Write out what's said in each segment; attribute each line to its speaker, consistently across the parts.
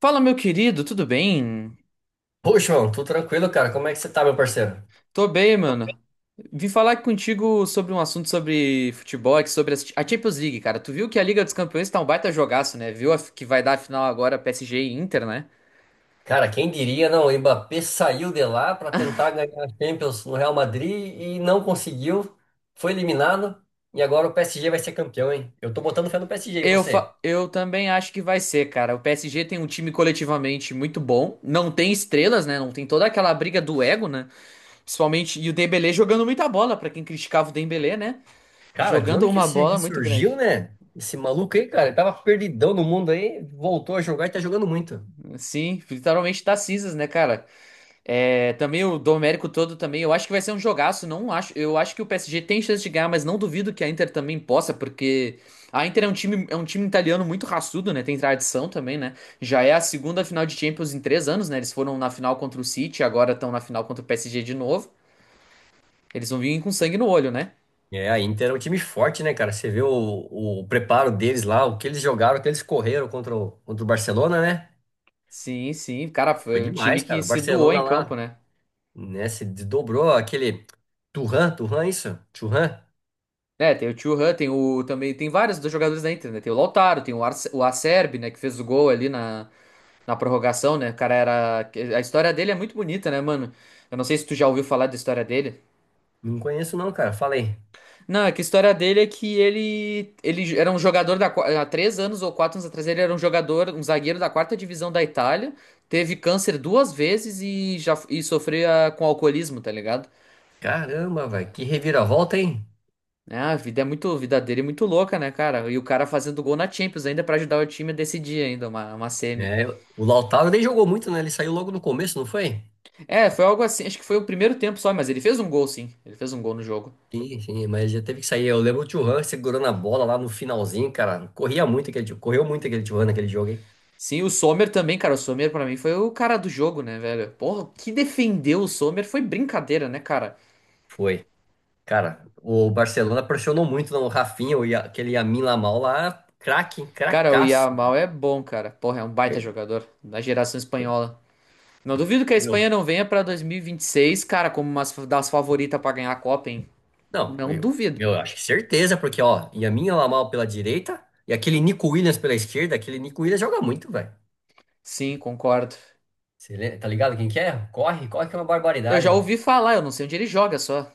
Speaker 1: Fala, meu querido, tudo bem?
Speaker 2: Poxa, mano, tudo tranquilo, cara? Como é que você tá, meu parceiro?
Speaker 1: Tô bem, mano. Vim falar contigo sobre um assunto sobre futebol, aqui, sobre a Champions League, cara. Tu viu que a Liga dos Campeões tá um baita jogaço, né? Viu que vai dar a final agora PSG e Inter, né?
Speaker 2: Cara, quem diria, não? O Mbappé saiu de lá para tentar ganhar a Champions no Real Madrid e não conseguiu. Foi eliminado e agora o PSG vai ser campeão, hein? Eu tô botando fé no PSG, e
Speaker 1: Eu, fa-
Speaker 2: você?
Speaker 1: eu também acho que vai ser, cara. O PSG tem um time coletivamente muito bom. Não tem estrelas, né? Não tem toda aquela briga do ego, né? Principalmente. E o Dembélé jogando muita bola, pra quem criticava o Dembélé, né?
Speaker 2: Cara, de
Speaker 1: Jogando
Speaker 2: onde que
Speaker 1: uma
Speaker 2: esse
Speaker 1: bola muito
Speaker 2: ressurgiu,
Speaker 1: grande.
Speaker 2: né? Esse maluco aí, cara, ele tava perdidão no mundo aí, voltou a jogar e tá jogando muito.
Speaker 1: Sim, literalmente tá cinzas, né, cara? É, também o Domérico todo também, eu acho que vai ser um jogaço, não acho, eu acho que o PSG tem chance de ganhar, mas não duvido que a Inter também possa, porque a Inter é um time italiano muito raçudo, né? Tem tradição também, né? Já é a segunda final de Champions em três anos, né? Eles foram na final contra o City, agora estão na final contra o PSG de novo. Eles vão vir com sangue no olho, né?
Speaker 2: É, a Inter é um time forte, né, cara? Você vê o preparo deles lá, o que eles jogaram, o que eles correram contra o Barcelona, né?
Speaker 1: Sim, sim, cara,
Speaker 2: Foi
Speaker 1: foi um time
Speaker 2: demais,
Speaker 1: que
Speaker 2: cara. O
Speaker 1: se doou
Speaker 2: Barcelona
Speaker 1: em campo,
Speaker 2: lá,
Speaker 1: né?
Speaker 2: né? Se dobrou aquele Turhan, Turhan, isso? Turhan?
Speaker 1: É, tem o Thuram, tem o também tem vários dos jogadores da Inter, né? Tem o Lautaro, tem o, Arce, o Acerbi, né, que fez o gol ali na prorrogação, né? O cara era. A história dele é muito bonita, né, mano? Eu não sei se tu já ouviu falar da história dele.
Speaker 2: Não conheço não, cara. Falei.
Speaker 1: Não, é que a história dele é que ele. Ele era um jogador da. Há 3 anos ou 4 anos atrás, ele era um jogador, um zagueiro da quarta divisão da Itália. Teve câncer duas vezes e já e sofria com alcoolismo, tá ligado?
Speaker 2: Caramba, velho, que reviravolta, hein?
Speaker 1: É, a vida é muito. A vida dele é muito louca, né, cara? E o cara fazendo gol na Champions ainda pra ajudar o time a decidir ainda, uma semi.
Speaker 2: É, o Lautaro nem jogou muito, né? Ele saiu logo no começo, não foi?
Speaker 1: É, foi algo assim. Acho que foi o primeiro tempo só, mas ele fez um gol, sim. Ele fez um gol no jogo.
Speaker 2: Sim, sim, mas já teve que sair. Eu lembro o Thuram segurando a bola lá no finalzinho, cara. Corria muito aquele, correu muito aquele Thuram naquele jogo, hein?
Speaker 1: Sim, o Sommer também, cara. O Sommer pra mim foi o cara do jogo, né, velho? Porra, o que defendeu o Sommer foi brincadeira, né, cara?
Speaker 2: Foi. Cara, o Barcelona pressionou muito no Rafinha, o aquele Yamin Lamal lá, craque, hein?
Speaker 1: Cara, o
Speaker 2: Cracaço.
Speaker 1: Yamal é bom, cara. Porra, é um baita jogador da geração espanhola. Não duvido que a
Speaker 2: Meu,
Speaker 1: Espanha não venha pra 2026, cara, como uma das favoritas pra ganhar a Copa, hein?
Speaker 2: não,
Speaker 1: Não
Speaker 2: eu,
Speaker 1: duvido.
Speaker 2: eu acho que certeza, porque, ó, Yamin Yamal pela direita e aquele Nico Williams pela esquerda, aquele Nico Williams joga muito, velho.
Speaker 1: Sim, concordo.
Speaker 2: Você tá ligado quem que é? Corre, corre que é uma
Speaker 1: Eu já
Speaker 2: barbaridade.
Speaker 1: ouvi falar, eu não sei onde ele joga só.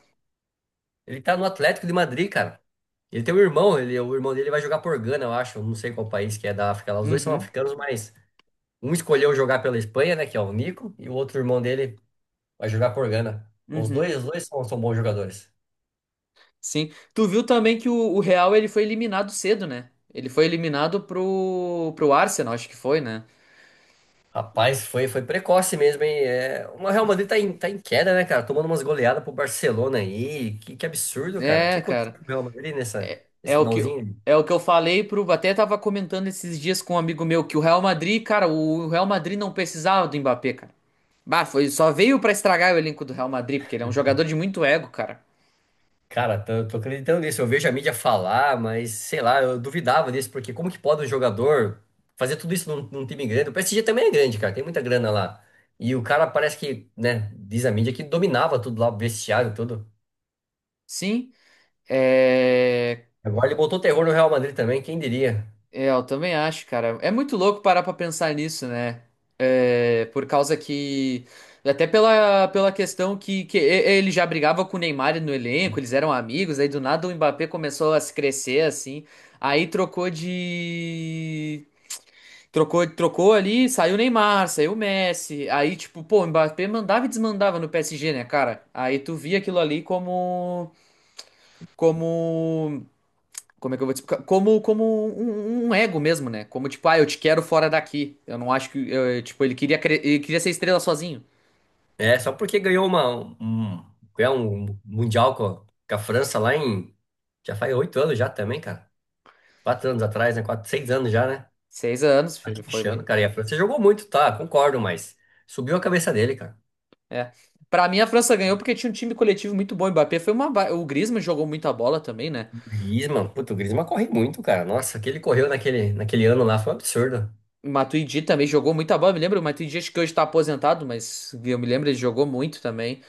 Speaker 2: Ele tá no Atlético de Madrid, cara. Ele tem um irmão, ele, o irmão dele vai jogar por Gana, eu acho, não sei qual país que é da África lá. Os dois são
Speaker 1: Uhum,
Speaker 2: africanos, mas um escolheu jogar pela Espanha, né, que é o Nico, e o outro irmão dele vai jogar por Gana. Os
Speaker 1: uhum.
Speaker 2: dois, os dois são, são bons jogadores.
Speaker 1: Sim. Tu viu também que o Real ele foi eliminado cedo, né? Ele foi eliminado pro Arsenal, acho que foi, né?
Speaker 2: Rapaz, foi, foi precoce mesmo, hein? É, o Real Madrid tá em queda, né, cara? Tomando umas goleadas pro Barcelona aí. Que absurdo, cara. O que
Speaker 1: É,
Speaker 2: aconteceu
Speaker 1: cara.
Speaker 2: com o Real Madrid nessa, nesse
Speaker 1: É o que,
Speaker 2: finalzinho?
Speaker 1: é o que eu falei pro. Até tava comentando esses dias com um amigo meu que o Real Madrid, cara, o Real Madrid não precisava do Mbappé, cara. Bah, foi, só veio pra estragar o elenco do Real Madrid, porque ele é um jogador de muito ego, cara.
Speaker 2: Cara, tô acreditando nisso. Eu vejo a mídia falar, mas sei lá, eu duvidava disso, porque como que pode um jogador fazer tudo isso num, num time grande? O PSG também é grande, cara, tem muita grana lá. E o cara parece que, né, diz a mídia que dominava tudo lá, o vestiário, tudo.
Speaker 1: Sim. É.
Speaker 2: Agora ele botou terror no Real Madrid também, quem diria?
Speaker 1: É, eu também acho, cara. É muito louco parar pra pensar nisso, né? É, por causa que. Até pela, pela questão que, ele já brigava com o Neymar no elenco, eles eram amigos, aí do nada o Mbappé começou a se crescer assim. Aí trocou de. Trocou, trocou ali, saiu o Neymar, saiu o Messi. Aí, tipo, pô, o Mbappé mandava e desmandava no PSG, né, cara? Aí tu via aquilo ali como. Como. Como é que eu vou te explicar? Como, como um ego mesmo, né? Como tipo, ah, eu te quero fora daqui. Eu não acho que. Tipo, ele queria, ele queria ser estrela sozinho.
Speaker 2: É, só porque ganhou uma, um, ganhou um Mundial com a França lá em. Já faz 8 anos já também, cara. 4 anos atrás, né? 4, 6 anos já, né?
Speaker 1: Seis anos,
Speaker 2: Tá
Speaker 1: filho, foi
Speaker 2: achando,
Speaker 1: muito.
Speaker 2: cara. E a França jogou muito, tá? Concordo, mas subiu a cabeça dele, cara.
Speaker 1: É. Pra mim, a França ganhou porque tinha um time coletivo muito bom. O Mbappé foi uma. O Griezmann jogou muita bola também, né?
Speaker 2: Griezmann, puto, o Griezmann corre muito, cara. Nossa, o que ele correu naquele, naquele ano lá foi um absurdo.
Speaker 1: O Matuidi também jogou muita bola. Eu me lembro, o Matuidi acho que hoje tá aposentado, mas eu me lembro, ele jogou muito também.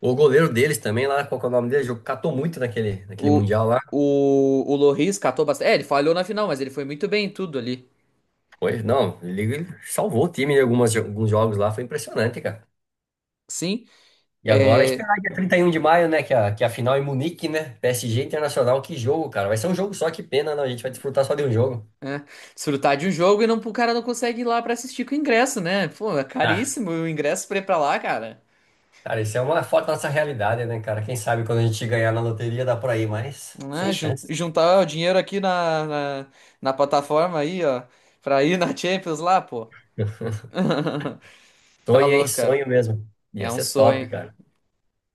Speaker 2: O goleiro deles também lá, qual que é o nome dele? Catou muito naquele, naquele
Speaker 1: O,
Speaker 2: Mundial lá.
Speaker 1: o Lloris catou bastante. É, ele falhou na final, mas ele foi muito bem em tudo ali.
Speaker 2: Foi, não, ele salvou o time em algumas, alguns jogos lá, foi impressionante, cara.
Speaker 1: Sim.
Speaker 2: E agora
Speaker 1: É,
Speaker 2: esperar dia 31 de maio, né? Que a final é em Munique, né? PSG Internacional, que jogo, cara. Vai ser um jogo só, que pena, não. A gente vai desfrutar só de um jogo.
Speaker 1: é, desfrutar de um jogo e não, o cara não consegue ir lá pra assistir com o ingresso, né? Pô, é
Speaker 2: Ah,
Speaker 1: caríssimo o ingresso pra ir pra lá, cara.
Speaker 2: cara, isso é uma foto da nossa realidade, né, cara? Quem sabe quando a gente ganhar na loteria dá por aí, mas sem
Speaker 1: Né?
Speaker 2: chance.
Speaker 1: Juntar o dinheiro aqui na, na plataforma aí, ó, pra ir na Champions lá, pô.
Speaker 2: Sonho,
Speaker 1: Tá
Speaker 2: hein?
Speaker 1: louco, cara.
Speaker 2: Sonho mesmo. Ia
Speaker 1: É um
Speaker 2: ser top,
Speaker 1: sonho.
Speaker 2: cara.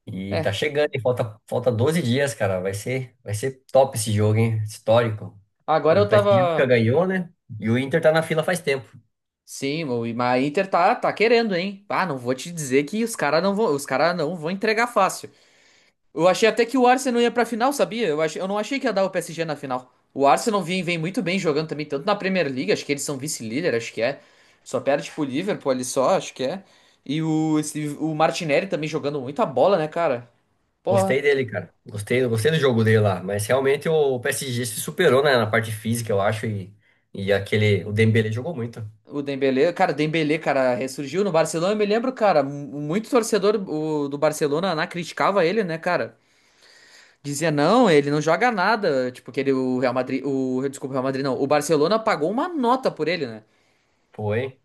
Speaker 2: E
Speaker 1: É,
Speaker 2: tá chegando, hein? Falta, falta 12 dias, cara. Vai ser top esse jogo, hein? Histórico.
Speaker 1: agora
Speaker 2: O
Speaker 1: eu
Speaker 2: PSG nunca
Speaker 1: tava.
Speaker 2: ganhou, né? E o Inter tá na fila faz tempo.
Speaker 1: Sim, o mas a Inter tá, tá querendo, hein? Ah, não vou te dizer que os caras não vão, os cara não vão entregar fácil. Eu achei até que o Arsenal ia pra final, sabia? Eu achei, eu não achei que ia dar o PSG na final. O Arsenal vem, vem muito bem jogando também, tanto na Premier League, acho que eles são vice-líder, acho que é. Só perde pro Liverpool ali só, acho que é. E o Martinelli também jogando muita bola, né, cara?
Speaker 2: Gostei
Speaker 1: Porra,
Speaker 2: dele, cara. Gostei, gostei do jogo dele lá. Mas realmente o PSG se superou, né, na parte física, eu acho. E aquele. O Dembélé jogou muito.
Speaker 1: o Dembélé, cara, ressurgiu no Barcelona, eu me lembro, cara, muito torcedor do Barcelona lá criticava ele, né, cara? Dizia, não, ele não joga nada, tipo, que ele, o Real Madrid, o, desculpa, o Real Madrid não, o Barcelona pagou uma nota por ele, né?
Speaker 2: Foi.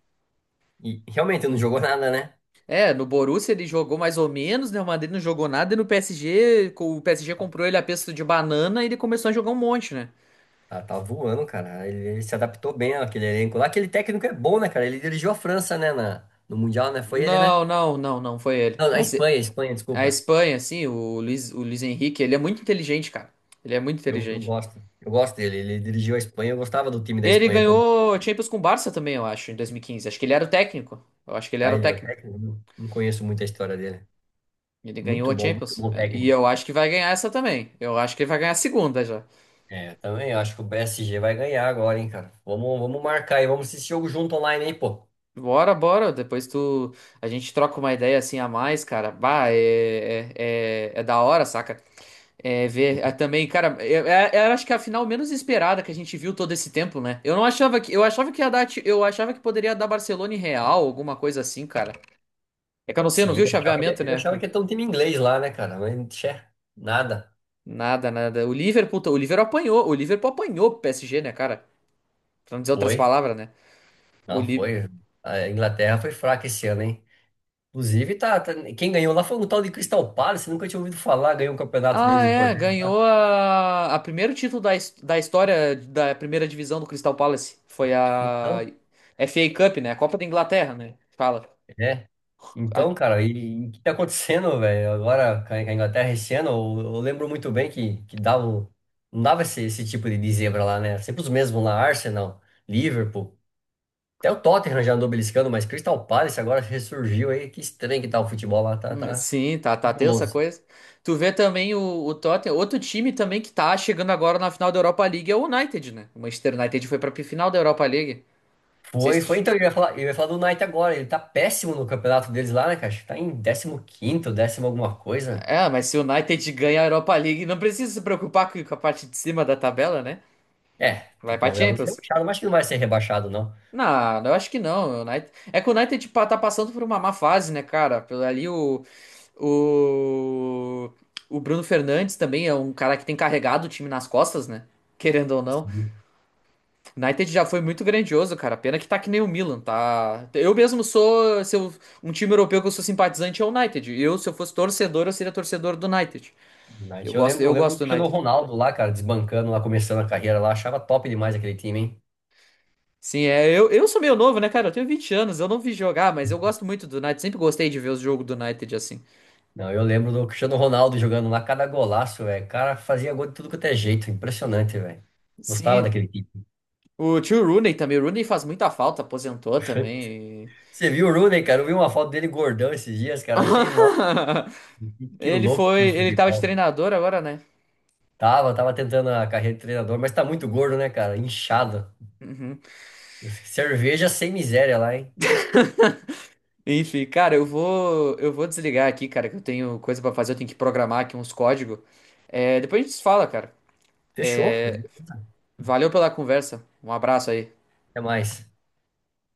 Speaker 2: E realmente não jogou nada, né?
Speaker 1: É, no Borussia ele jogou mais ou menos, né? O Madrid não jogou nada, e no PSG, o PSG comprou ele a preço de banana e ele começou a jogar um monte, né?
Speaker 2: Tá, tá voando, cara. Ele se adaptou bem àquele elenco lá. Aquele técnico é bom, né, cara? Ele dirigiu a França, né, na, no Mundial, né? Foi ele, né?
Speaker 1: Não foi ele.
Speaker 2: Não, a
Speaker 1: Mas
Speaker 2: Espanha, a Espanha,
Speaker 1: a
Speaker 2: desculpa.
Speaker 1: Espanha, assim, o Luiz Henrique, ele é muito inteligente, cara. Ele é muito
Speaker 2: Eu
Speaker 1: inteligente.
Speaker 2: gosto. Eu gosto dele. Ele dirigiu a Espanha. Eu gostava do time da
Speaker 1: Ele
Speaker 2: Espanha quando.
Speaker 1: ganhou Champions com o Barça também, eu acho, em 2015. Acho que ele era o técnico. Eu acho que ele
Speaker 2: Ah,
Speaker 1: era o
Speaker 2: ele era
Speaker 1: técnico.
Speaker 2: técnico? Não, não conheço muito a história dele.
Speaker 1: Ele ganhou a
Speaker 2: Muito
Speaker 1: Champions.
Speaker 2: bom
Speaker 1: É, e
Speaker 2: técnico.
Speaker 1: eu acho que vai ganhar essa também. Eu acho que ele vai ganhar a segunda já.
Speaker 2: É, eu também acho que o PSG vai ganhar agora, hein, cara. Vamos, vamos marcar aí, vamos assistir jogo junto online aí, pô.
Speaker 1: Bora, bora. Depois tu. A gente troca uma ideia assim a mais, cara. Bah, é da hora, saca? É ver é, também, cara. Eu acho que é a final menos esperada que a gente viu todo esse tempo, né? Eu não achava que. Eu achava que ia dar. Eu achava que poderia dar Barcelona e Real, alguma coisa assim, cara. É que eu não sei, eu não
Speaker 2: Sim,
Speaker 1: vi o
Speaker 2: eu achava que,
Speaker 1: chaveamento,
Speaker 2: eu
Speaker 1: né?
Speaker 2: achava que ia ter um time inglês lá, né, cara? Mas, tchê, nada.
Speaker 1: Nada, nada. O Liverpool apanhou. O Liverpool apanhou pro PSG, né, cara? Pra não dizer outras
Speaker 2: Foi,
Speaker 1: palavras, né? O,
Speaker 2: não
Speaker 1: Li...
Speaker 2: foi. A Inglaterra foi fraca esse ano, hein? Inclusive, quem ganhou lá foi um tal de Crystal Palace, nunca tinha ouvido falar, ganhou um campeonato
Speaker 1: Ah,
Speaker 2: deles
Speaker 1: é,
Speaker 2: importante lá.
Speaker 1: ganhou a primeiro título da, da história da primeira divisão do Crystal Palace. Foi a
Speaker 2: Então,
Speaker 1: FA Cup, né? A Copa da Inglaterra, né? Fala.
Speaker 2: é.
Speaker 1: A-
Speaker 2: Então, cara, e o que tá acontecendo, velho? Agora com a Inglaterra esse ano, eu lembro muito bem que dava, não dava esse, esse tipo de zebra lá, né? Era sempre os mesmos lá, Arsenal, Liverpool, até o Tottenham já andou beliscando, mas Crystal Palace agora ressurgiu aí. Que estranho que tá o futebol lá, tá, tá
Speaker 1: sim, tá, tá tensa a
Speaker 2: nebuloso.
Speaker 1: coisa. Tu vê também o Tottenham, outro time também que tá chegando agora na final da Europa League é o United, né? O Manchester United foi pra final da Europa League. Não sei
Speaker 2: Foi,
Speaker 1: se tu...
Speaker 2: foi,
Speaker 1: che-
Speaker 2: então, eu ia falar do Knight agora, ele tá péssimo no campeonato deles lá, né, cara? Acho que tá em décimo quinto, décimo alguma coisa.
Speaker 1: É, mas se o United ganha a Europa League, não precisa se preocupar com a parte de cima da tabela, né?
Speaker 2: É, tem
Speaker 1: Vai
Speaker 2: que
Speaker 1: pra
Speaker 2: tomar cuidado pra não ser
Speaker 1: Champions.
Speaker 2: rebaixado, mas acho que não vai ser rebaixado,
Speaker 1: Não, eu acho que não. O United... É que o United tá passando por uma má fase, né, cara? Pelo ali o. O Bruno Fernandes também é um cara que tem carregado o time nas costas, né? Querendo ou não.
Speaker 2: não.
Speaker 1: O United já foi muito grandioso, cara. Pena que tá que nem o Milan, tá? Eu mesmo sou. Se eu- um time europeu que eu sou simpatizante é o United. Eu, se eu fosse torcedor, eu seria torcedor do United.
Speaker 2: United. Eu lembro, eu
Speaker 1: Eu
Speaker 2: lembro do
Speaker 1: gosto do
Speaker 2: Cristiano
Speaker 1: United.
Speaker 2: Ronaldo lá, cara, desbancando lá, começando a carreira lá. Achava top demais aquele time, hein?
Speaker 1: Sim, é, eu sou meio novo, né, cara? Eu tenho 20 anos, eu não vi jogar, mas eu gosto muito do United. Sempre gostei de ver os jogos do United assim.
Speaker 2: Não, eu lembro do Cristiano Ronaldo jogando lá, cada golaço, velho. O cara fazia gol de tudo quanto é jeito. Impressionante, velho. Gostava
Speaker 1: Sim,
Speaker 2: daquele time.
Speaker 1: o tio Rooney também. O Rooney faz muita falta, aposentou também. E-
Speaker 2: Você viu o Rooney, cara? Eu vi uma foto dele gordão esses dias, cara. Achei, nossa, que
Speaker 1: Ele
Speaker 2: louco
Speaker 1: foi,
Speaker 2: que é o
Speaker 1: ele tava de
Speaker 2: futebol.
Speaker 1: treinador agora, né?
Speaker 2: Tava, tava tentando a carreira de treinador, mas tá muito gordo, né, cara? Inchado.
Speaker 1: Uhum.
Speaker 2: Cerveja sem miséria lá, hein?
Speaker 1: Enfim, cara, eu vou desligar aqui, cara, que eu tenho coisa pra fazer, eu tenho que programar aqui uns códigos. É, depois a gente se fala, cara.
Speaker 2: Fechou.
Speaker 1: Valeu pela conversa. Um abraço aí.
Speaker 2: Até mais.